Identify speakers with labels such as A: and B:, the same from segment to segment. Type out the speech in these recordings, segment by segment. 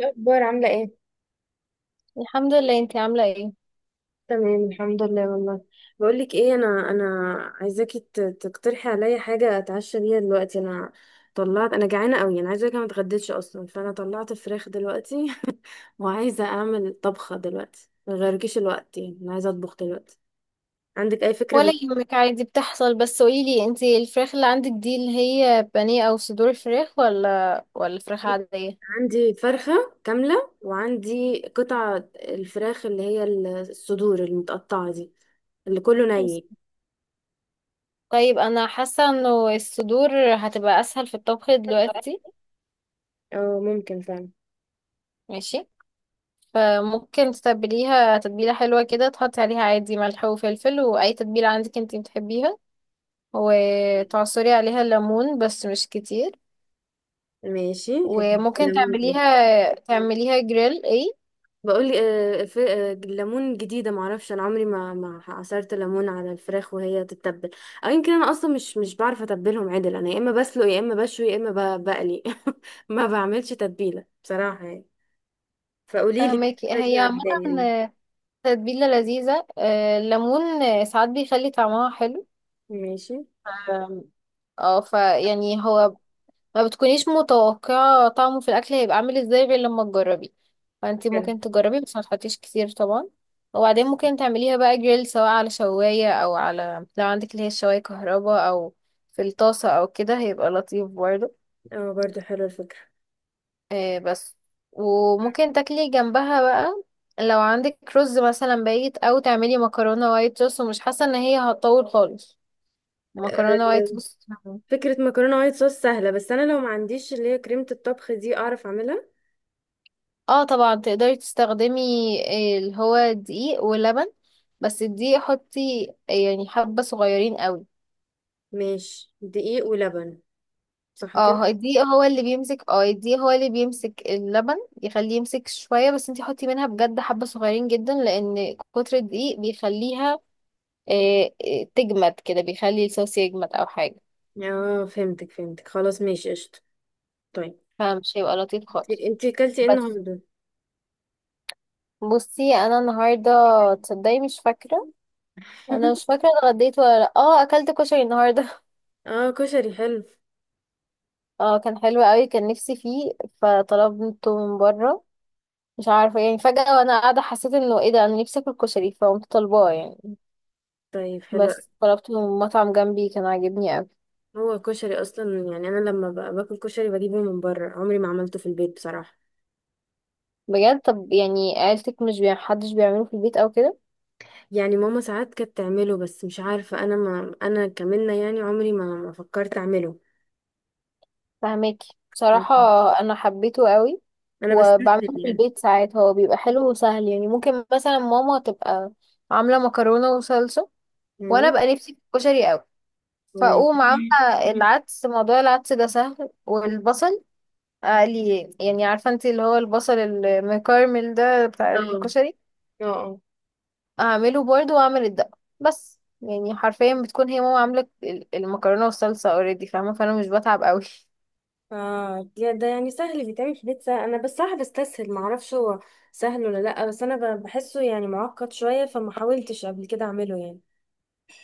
A: إيه الاخبار عامله ايه؟
B: الحمد لله، انتي عاملة ايه؟
A: تمام، الحمد لله والله. بقول لك ايه، انا عايزاكي تقترحي عليا حاجه اتعشى بيها دلوقتي. انا طلعت انا جعانه قوي، انا عايزه اقولك أنا ما اتغديتش اصلا، فانا طلعت فراخ دلوقتي وعايزه اعمل طبخه دلوقتي، ما غيركيش الوقت، يعني انا عايزه اطبخ دلوقتي. عندك اي فكره
B: ولا يهمك، عادي بتحصل. بس قوليلي، انتي الفراخ اللي عندك دي اللي هي بانيه او صدور فراخ ولا فراخ عادية؟
A: عندي فرخه كامله وعندي قطع الفراخ اللي هي الصدور المتقطعه دي، اللي كله
B: بس.
A: ني.
B: طيب، انا حاسة انه الصدور هتبقى اسهل في الطبخ دلوقتي.
A: اه، ممكن فعلا.
B: ماشي. فممكن تتبليها تتبيلة حلوة كده، تحطي عليها عادي ملح وفلفل واي تتبيلة عندك انتي بتحبيها، وتعصري عليها ليمون بس مش كتير.
A: ماشي، حكي
B: وممكن
A: كلامي دي.
B: تعمليها جريل ايه.
A: بقول لي، الليمون جديده، معرفش. انا عمري ما عصرت ليمون على الفراخ وهي تتبل، او يمكن انا اصلا مش بعرف اتبلهم عدل. انا يا اما بسلق يا اما بشوي يا اما بقلي ما بعملش تتبيله بصراحه يعني. فقولي لي،
B: فهماكي،
A: الفكره دي
B: هي عامة
A: عجباني يعني.
B: تتبيلة لذيذة. الليمون ساعات بيخلي طعمها حلو.
A: ماشي،
B: آم، اه فيعني هو ما بتكونيش متوقعة طعمه في الأكل هيبقى عامل ازاي غير لما تجربي. فانتي
A: حلو.
B: ممكن تجربي بس ما تحطيش كتير طبعا. وبعدين ممكن تعمليها بقى جريل، سواء على شواية أو على لو عندك اللي هي الشواية كهرباء أو في الطاسة أو كده هيبقى لطيف برضه.
A: اه، برضو حلوه الفكره.
B: آه، بس وممكن تاكلي جنبها بقى لو عندك رز مثلا بايت او تعملي مكرونه وايت صوص، ومش حاسه ان هي هتطول خالص. مكرونه وايت صوص.
A: فكره مكرونه وايت صوص سهله، بس انا لو ما عنديش اللي هي كريمه الطبخ دي، اعرف اعملها؟
B: اه طبعا تقدري تستخدمي اللي هو دقيق ولبن. بس الدقيق حطي، يعني حبه صغيرين قوي.
A: ماشي، دقيق ولبن. صح كده؟
B: الدقيق هو اللي بيمسك اللبن، يخليه يمسك شويه. بس انتي حطي منها بجد حبه صغيرين جدا، لان كتر الدقيق بيخليها إيه تجمد كده، بيخلي الصوص يجمد او حاجه.
A: اه، فهمتك فهمتك، خلاص ماشي، قشطه. طيب،
B: فمش هيبقى لطيف خالص.
A: انتي اكلتي ايه
B: بس
A: النهارده؟
B: بصي انا النهارده، تصدقي مش فاكره. انا مش فاكره اتغديت ولا لا. اه اكلت كشري النهارده.
A: اه، كشري حلو.
B: اه كان حلو قوي، كان نفسي فيه فطلبته من بره. مش عارفه يعني، فجاه وانا قاعده حسيت انه ايه ده، انا نفسي اكل كشري فقمت طالباه يعني.
A: طيب، حلو.
B: بس طلبته من مطعم جنبي، كان عاجبني قوي
A: هو كشري اصلا يعني، انا لما باكل كشري بجيبه من بره، عمري ما عملته في البيت بصراحه.
B: بجد. طب يعني عيلتك مش حدش بيعمله في البيت او كده؟
A: يعني ماما ساعات كانت تعمله، بس مش عارفه، انا ما انا كمنة، يعني عمري ما فكرت اعمله
B: فهماكي بصراحة. أنا حبيته قوي
A: انا بستسهل
B: وبعمله في
A: يعني.
B: البيت ساعات. هو بيبقى حلو وسهل يعني. ممكن مثلا ماما تبقى عاملة مكرونة وصلصة، وأنا
A: مم.
B: بقى نفسي في الكشري قوي، فأقوم
A: ماشي.
B: عاملة العدس. موضوع العدس ده سهل. والبصل أقلي، يعني عارفة انتي اللي هو البصل المكرمل ده بتاع
A: اه،
B: الكشري،
A: اه، اه.
B: أعمله برضه، وأعمل الدقة. بس يعني حرفيا بتكون هي ماما عاملة المكرونة والصلصة اوريدي، فاهمة، فأنا مش بتعب قوي
A: يا ده يعني سهل بيتعمل في البيت سهل، انا بس صراحه بستسهل، ما اعرفش هو سهل ولا لا، بس انا بحسه يعني معقد شويه، فما حاولتش قبل كده اعمله يعني.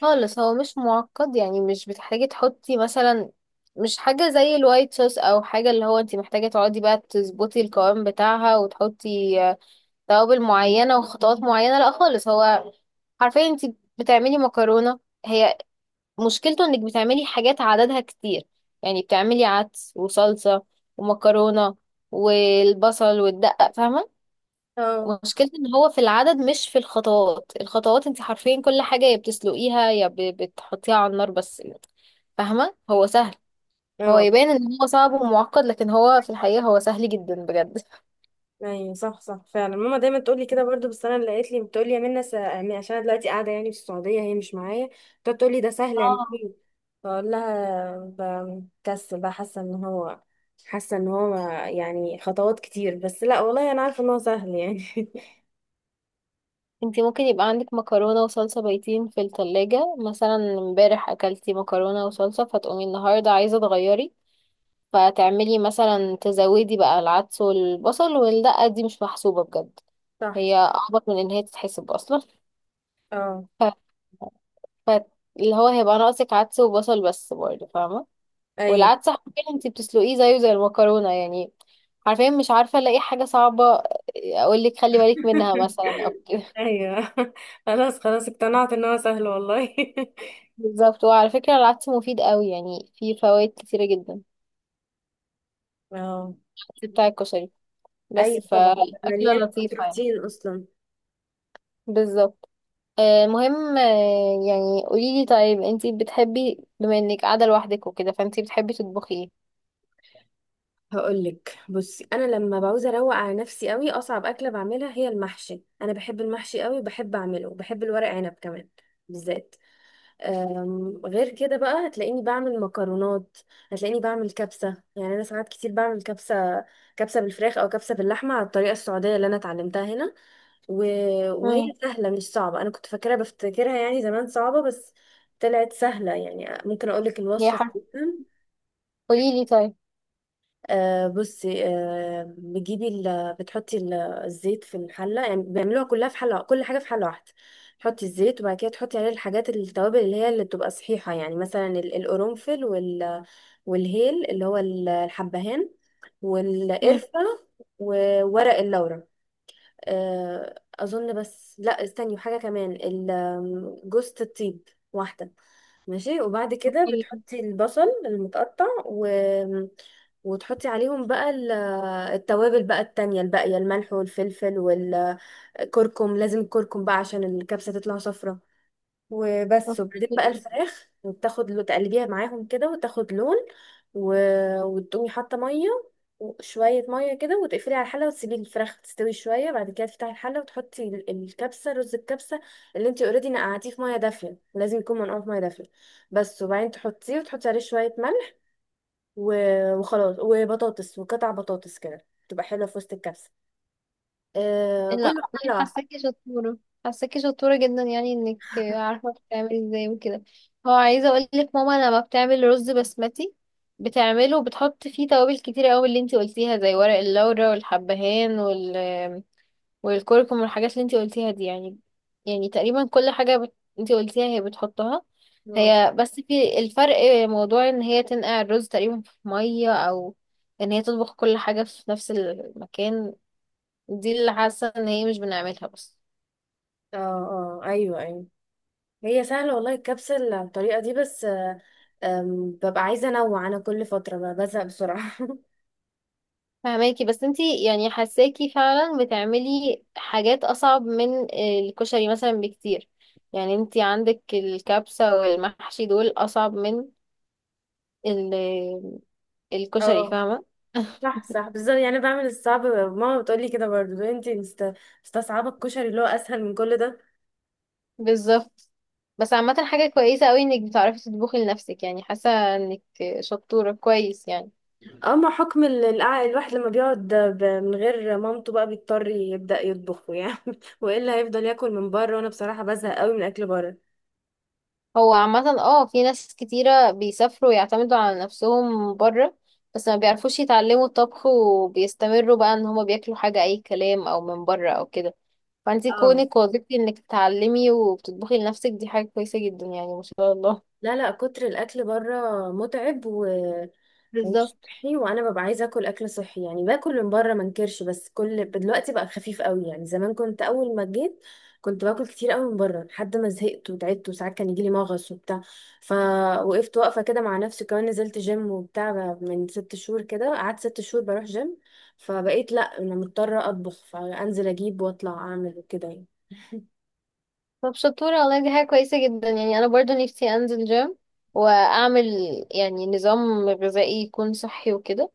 B: خالص. هو مش معقد يعني. مش بتحتاجي تحطي مثلا، مش حاجة زي الوايت صوص او حاجة اللي هو انت محتاجة تقعدي بقى تظبطي القوام بتاعها وتحطي توابل معينة وخطوات معينة. لا خالص. هو حرفيا انت بتعملي مكرونة. هي مشكلته انك بتعملي حاجات عددها كتير. يعني بتعملي عدس وصلصة ومكرونة والبصل والدقة، فاهمة.
A: اه،
B: مشكلتي ان هو في العدد مش في الخطوات. الخطوات انت حرفيا كل حاجة يا بتسلقيها يا بتحطيها على النار بس، فاهمة. هو سهل. هو
A: اه،
B: يبان ان هو صعب ومعقد، لكن هو في الحقيقة هو سهل جدا بجد.
A: ايوه، صح صح فعلا، ماما دايما تقول لي كده برضو، بس انا اللي قالت لي بتقول لي: يا منى، يعني عشان انا دلوقتي قاعده يعني في السعوديه، هي مش معايا، بتقعد تقول لي: ده سهل،
B: اه
A: اعمليه. بقول لها: بكسل بقى، حاسه ان هو، حاسه ان هو يعني خطوات كتير، بس لا والله انا عارفه ان هو سهل يعني
B: انت ممكن يبقى عندك مكرونة وصلصة بايتين في التلاجة مثلا، امبارح اكلتي مكرونة وصلصة فتقومي النهاردة عايزة تغيري، فتعملي مثلا تزودي بقى العدس والبصل. والدقة دي مش محسوبة بجد،
A: صح،
B: هي اعبط من ان هي تتحسب اصلا.
A: اه،
B: فاللي هو هيبقى ناقصك عدس وبصل بس برضه، فاهمة.
A: ايوه،
B: والعدس حرفيا انتي بتسلقيه زيه زي المكرونة يعني. حرفيا مش عارفة الاقي حاجة صعبة اقولك خلي بالك منها مثلا او كده.
A: ايوه. خلاص، خلاص، اقتنعت ان هو سهل والله.
B: بالظبط. وعلى فكرة، العدس مفيد قوي يعني، فيه فوائد كتيرة جدا
A: اه،
B: بتاع الكشري. بس
A: ايوه طبعا،
B: فالأكلة
A: مليان
B: لطيفة يعني.
A: بروتين اصلا.
B: بالظبط. المهم، يعني قوليلي، طيب انتي بتحبي، بما انك قاعدة لوحدك وكده، فانتي بتحبي تطبخي ايه؟
A: هقولك، بصي انا لما بعوز اروق على نفسي قوي، اصعب اكله بعملها هي المحشي، انا بحب المحشي قوي وبحب اعمله، وبحب الورق عنب كمان بالذات. غير كده بقى هتلاقيني بعمل مكرونات، هتلاقيني بعمل كبسه. يعني انا ساعات كتير بعمل كبسه، كبسه بالفراخ او كبسه باللحمه على الطريقه السعوديه اللي انا اتعلمتها هنا، و... وهي
B: مم.
A: سهله مش صعبه. انا كنت فاكرها بفتكرها يعني زمان صعبه، بس طلعت سهله يعني، ممكن اقولك
B: يا
A: الوصفه؟
B: حرف، قوليلي طيب.
A: بصي، بتجيبي بتحطي الزيت في الحله، يعني بيعملوها كلها في حله، كل حاجه في حله واحده. تحطي الزيت وبعد كده تحطي عليه الحاجات، التوابل اللي هي اللي بتبقى صحيحه، يعني مثلا القرنفل والهيل اللي هو الحبهان
B: مم.
A: والقرفه وورق اللورا، آه اظن. بس لا، استني، وحاجه كمان جوزة الطيب، واحده. ماشي، وبعد كده
B: اوكي.
A: بتحطي البصل المتقطع، وتحطي عليهم بقى التوابل بقى التانية الباقية، الملح والفلفل والكركم، لازم الكركم بقى عشان الكبسة تطلع صفرة. وبس، وبعدين بقى
B: اوكي.
A: الفراخ، وبتاخد لو تقلبيها معاهم كده وتاخد لون، و... وتقومي حاطه ميه وشويه ميه كده، وتقفلي على الحله وتسيبي الفراخ تستوي شويه. بعد كده تفتحي الحله وتحطي الكبسه، رز الكبسه اللي انت اوريدي نقعتيه في ميه دافيه، لازم يكون منقوع في ميه دافيه بس. وبعدين تحطيه وتحطي عليه شويه ملح، و... وخلاص، وبطاطس، وقطع بطاطس كده تبقى حلوه في وسط الكبسه. آه،
B: لا
A: كله حله
B: والله،
A: واحده.
B: حاساكي شطورة، حاساكي شطورة جدا يعني، انك عارفة بتعملي ازاي وكده. هو عايزة اقولك، ماما لما بتعمل رز بسمتي بتعمله وبتحط فيه توابل كتير قوي اللي انتي قلتيها، زي ورق اللورا والحبهان والكركم والحاجات اللي انتي قلتيها دي يعني. يعني تقريبا كل حاجة انتي قلتيها هي بتحطها.
A: اه،
B: هي بس في الفرق، موضوع ان هي تنقع الرز تقريبا في مية، او ان هي تطبخ كل حاجة في نفس المكان، دي اللي حاسة ان هي مش بنعملها بس.
A: اه، آه، ايوه، ايوه. هي سهلة والله، الكبسة على الطريقة دي، بس آه، آم، ببقى عايزة انوع انا كل فترة، بزهق بسرعة
B: فهماكي. بس انتي يعني حاساكي فعلا بتعملي حاجات اصعب من الكشري مثلا بكتير. يعني انتي عندك الكبسة والمحشي دول اصعب من ال- الكشري،
A: اه،
B: فاهمة.
A: صح صح بالظبط، يعني أنا بعمل الصعب، ماما بتقولي كده برضو، لو انتي مستصعبة الكشري اللي هو اسهل من كل ده.
B: بالظبط. بس عامة حاجة كويسة قوي انك بتعرفي تطبخي لنفسك يعني. حاسة انك شطورة كويس يعني.
A: اما حكم الواحد لما بيقعد من غير مامته بقى، بيضطر يبدأ يطبخه يعني والا هيفضل ياكل من بره، وانا بصراحة بزهق قوي من اكل بره.
B: هو عامة اه في ناس كتيرة بيسافروا ويعتمدوا على نفسهم بره، بس ما بيعرفوش يتعلموا الطبخ وبيستمروا بقى ان هما بياكلوا حاجة اي كلام او من بره او كده. فانتي
A: اه،
B: كونك وظيفتي انك تتعلمي وبتطبخي لنفسك، دي حاجة كويسة جدا يعني، ما شاء الله.
A: لا لا، كتر الاكل بره متعب مش
B: بالظبط.
A: صحي، وانا ببقى عايزه اكل اكل صحي. يعني باكل من بره ما انكرش، بس كل دلوقتي بقى خفيف قوي، يعني زمان كنت اول ما جيت كنت باكل كتير قوي من بره، لحد ما زهقت وتعبت وساعات كان يجيلي مغص وبتاع. فوقفت واقفه كده مع نفسي، كمان نزلت جيم وبتاع بقى من ست شهور كده، قعدت ست شهور بروح جيم، فبقيت لا، انا مضطره اطبخ، فانزل اجيب واطلع اعمل وكده يعني.
B: طب شطورة والله، دي حاجة كويسة جدا يعني. انا برضو نفسي انزل جيم واعمل يعني نظام غذائي يكون صحي وكده.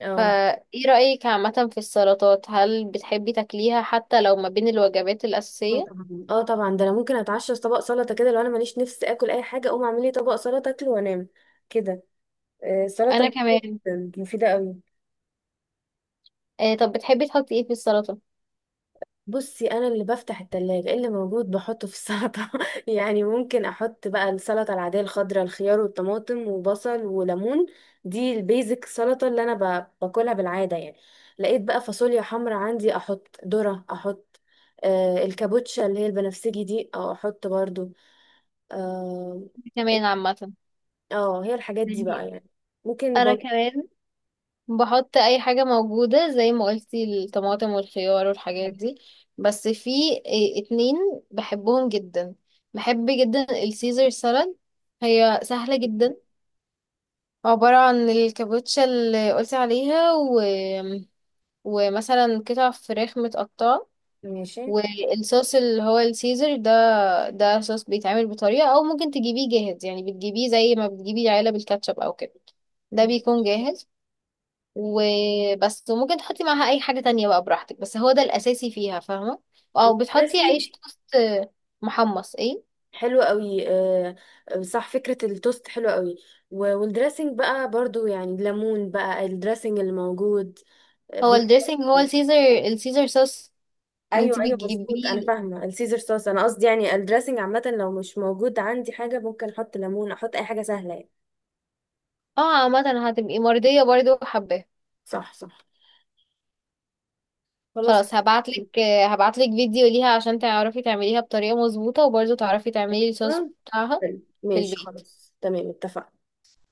A: اه،
B: فايه رأيك عامة في السلطات؟ هل بتحبي تاكليها حتى لو ما بين الوجبات
A: اه
B: الأساسية؟
A: طبعا، اه طبعا، ده انا ممكن اتعشى في طبق سلطه كده، لو انا ماليش نفس اكل اي حاجه، اقوم اعمل لي طبق سلطه اكله وانام كده.
B: انا
A: السلطة
B: كمان.
A: مفيدة قوي.
B: آه طب بتحبي تحطي ايه في السلطة؟
A: بصي، انا اللي بفتح التلاجة، إيه اللي موجود بحطه في السلطة يعني ممكن احط بقى السلطة العادية الخضراء: الخيار والطماطم وبصل وليمون، دي البيزك سلطة اللي انا باكلها بالعادة يعني. لقيت بقى فاصوليا حمرا عندي، احط ذرة، احط الكابوتشا اللي هي البنفسجي دي، او احط برضو. اه، إيه،
B: كمان عامة،
A: آه، هي الحاجات دي بقى
B: يعني
A: يعني، ممكن
B: انا
A: برضو.
B: كمان بحط اي حاجة موجودة زي ما قلتي، الطماطم والخيار والحاجات دي. بس في اتنين بحبهم جدا. بحب جدا السيزر سالاد. هي سهلة جدا، عبارة عن الكابوتشا اللي قلتي عليها، و... ومثلا قطع فراخ متقطعة،
A: ماشي،
B: والصوص اللي هو السيزر ده. ده صوص بيتعمل بطريقة، او ممكن تجيبيه جاهز، يعني بتجيبيه زي ما بتجيبي علب الكاتشب او كده، ده بيكون جاهز. وبس. وممكن تحطي معاها اي حاجة تانية بقى براحتك، بس هو ده الاساسي فيها فاهمة. او بتحطي
A: والدريسنج
B: عيش توست محمص. ايه؟
A: حلو قوي، آه. صح، فكرة التوست حلوة قوي، والدريسنج بقى برضو يعني الليمون بقى، الدريسنج اللي موجود
B: هو
A: بيبقى.
B: الدريسنج هو السيزر، السيزر صوص. اللي انت
A: ايوه، ايوه، مظبوط، انا
B: بتجيبيه.
A: فاهمه السيزر صوص، انا قصدي يعني الدريسنج عامه، لو مش موجود عندي حاجه ممكن احط ليمون، احط اي حاجه سهله يعني.
B: اه عامة هتبقي مرضية برضه وحباه.
A: صح، صح، خلاص
B: خلاص. هبعتلك هبعتلك فيديو ليها عشان تعرفي تعمليها بطريقة مظبوطة، وبرضه تعرفي تعملي الصوص
A: أيوة.
B: بتاعها
A: حلو.
B: في
A: ماشي،
B: البيت.
A: خلاص، تمام، اتفقنا.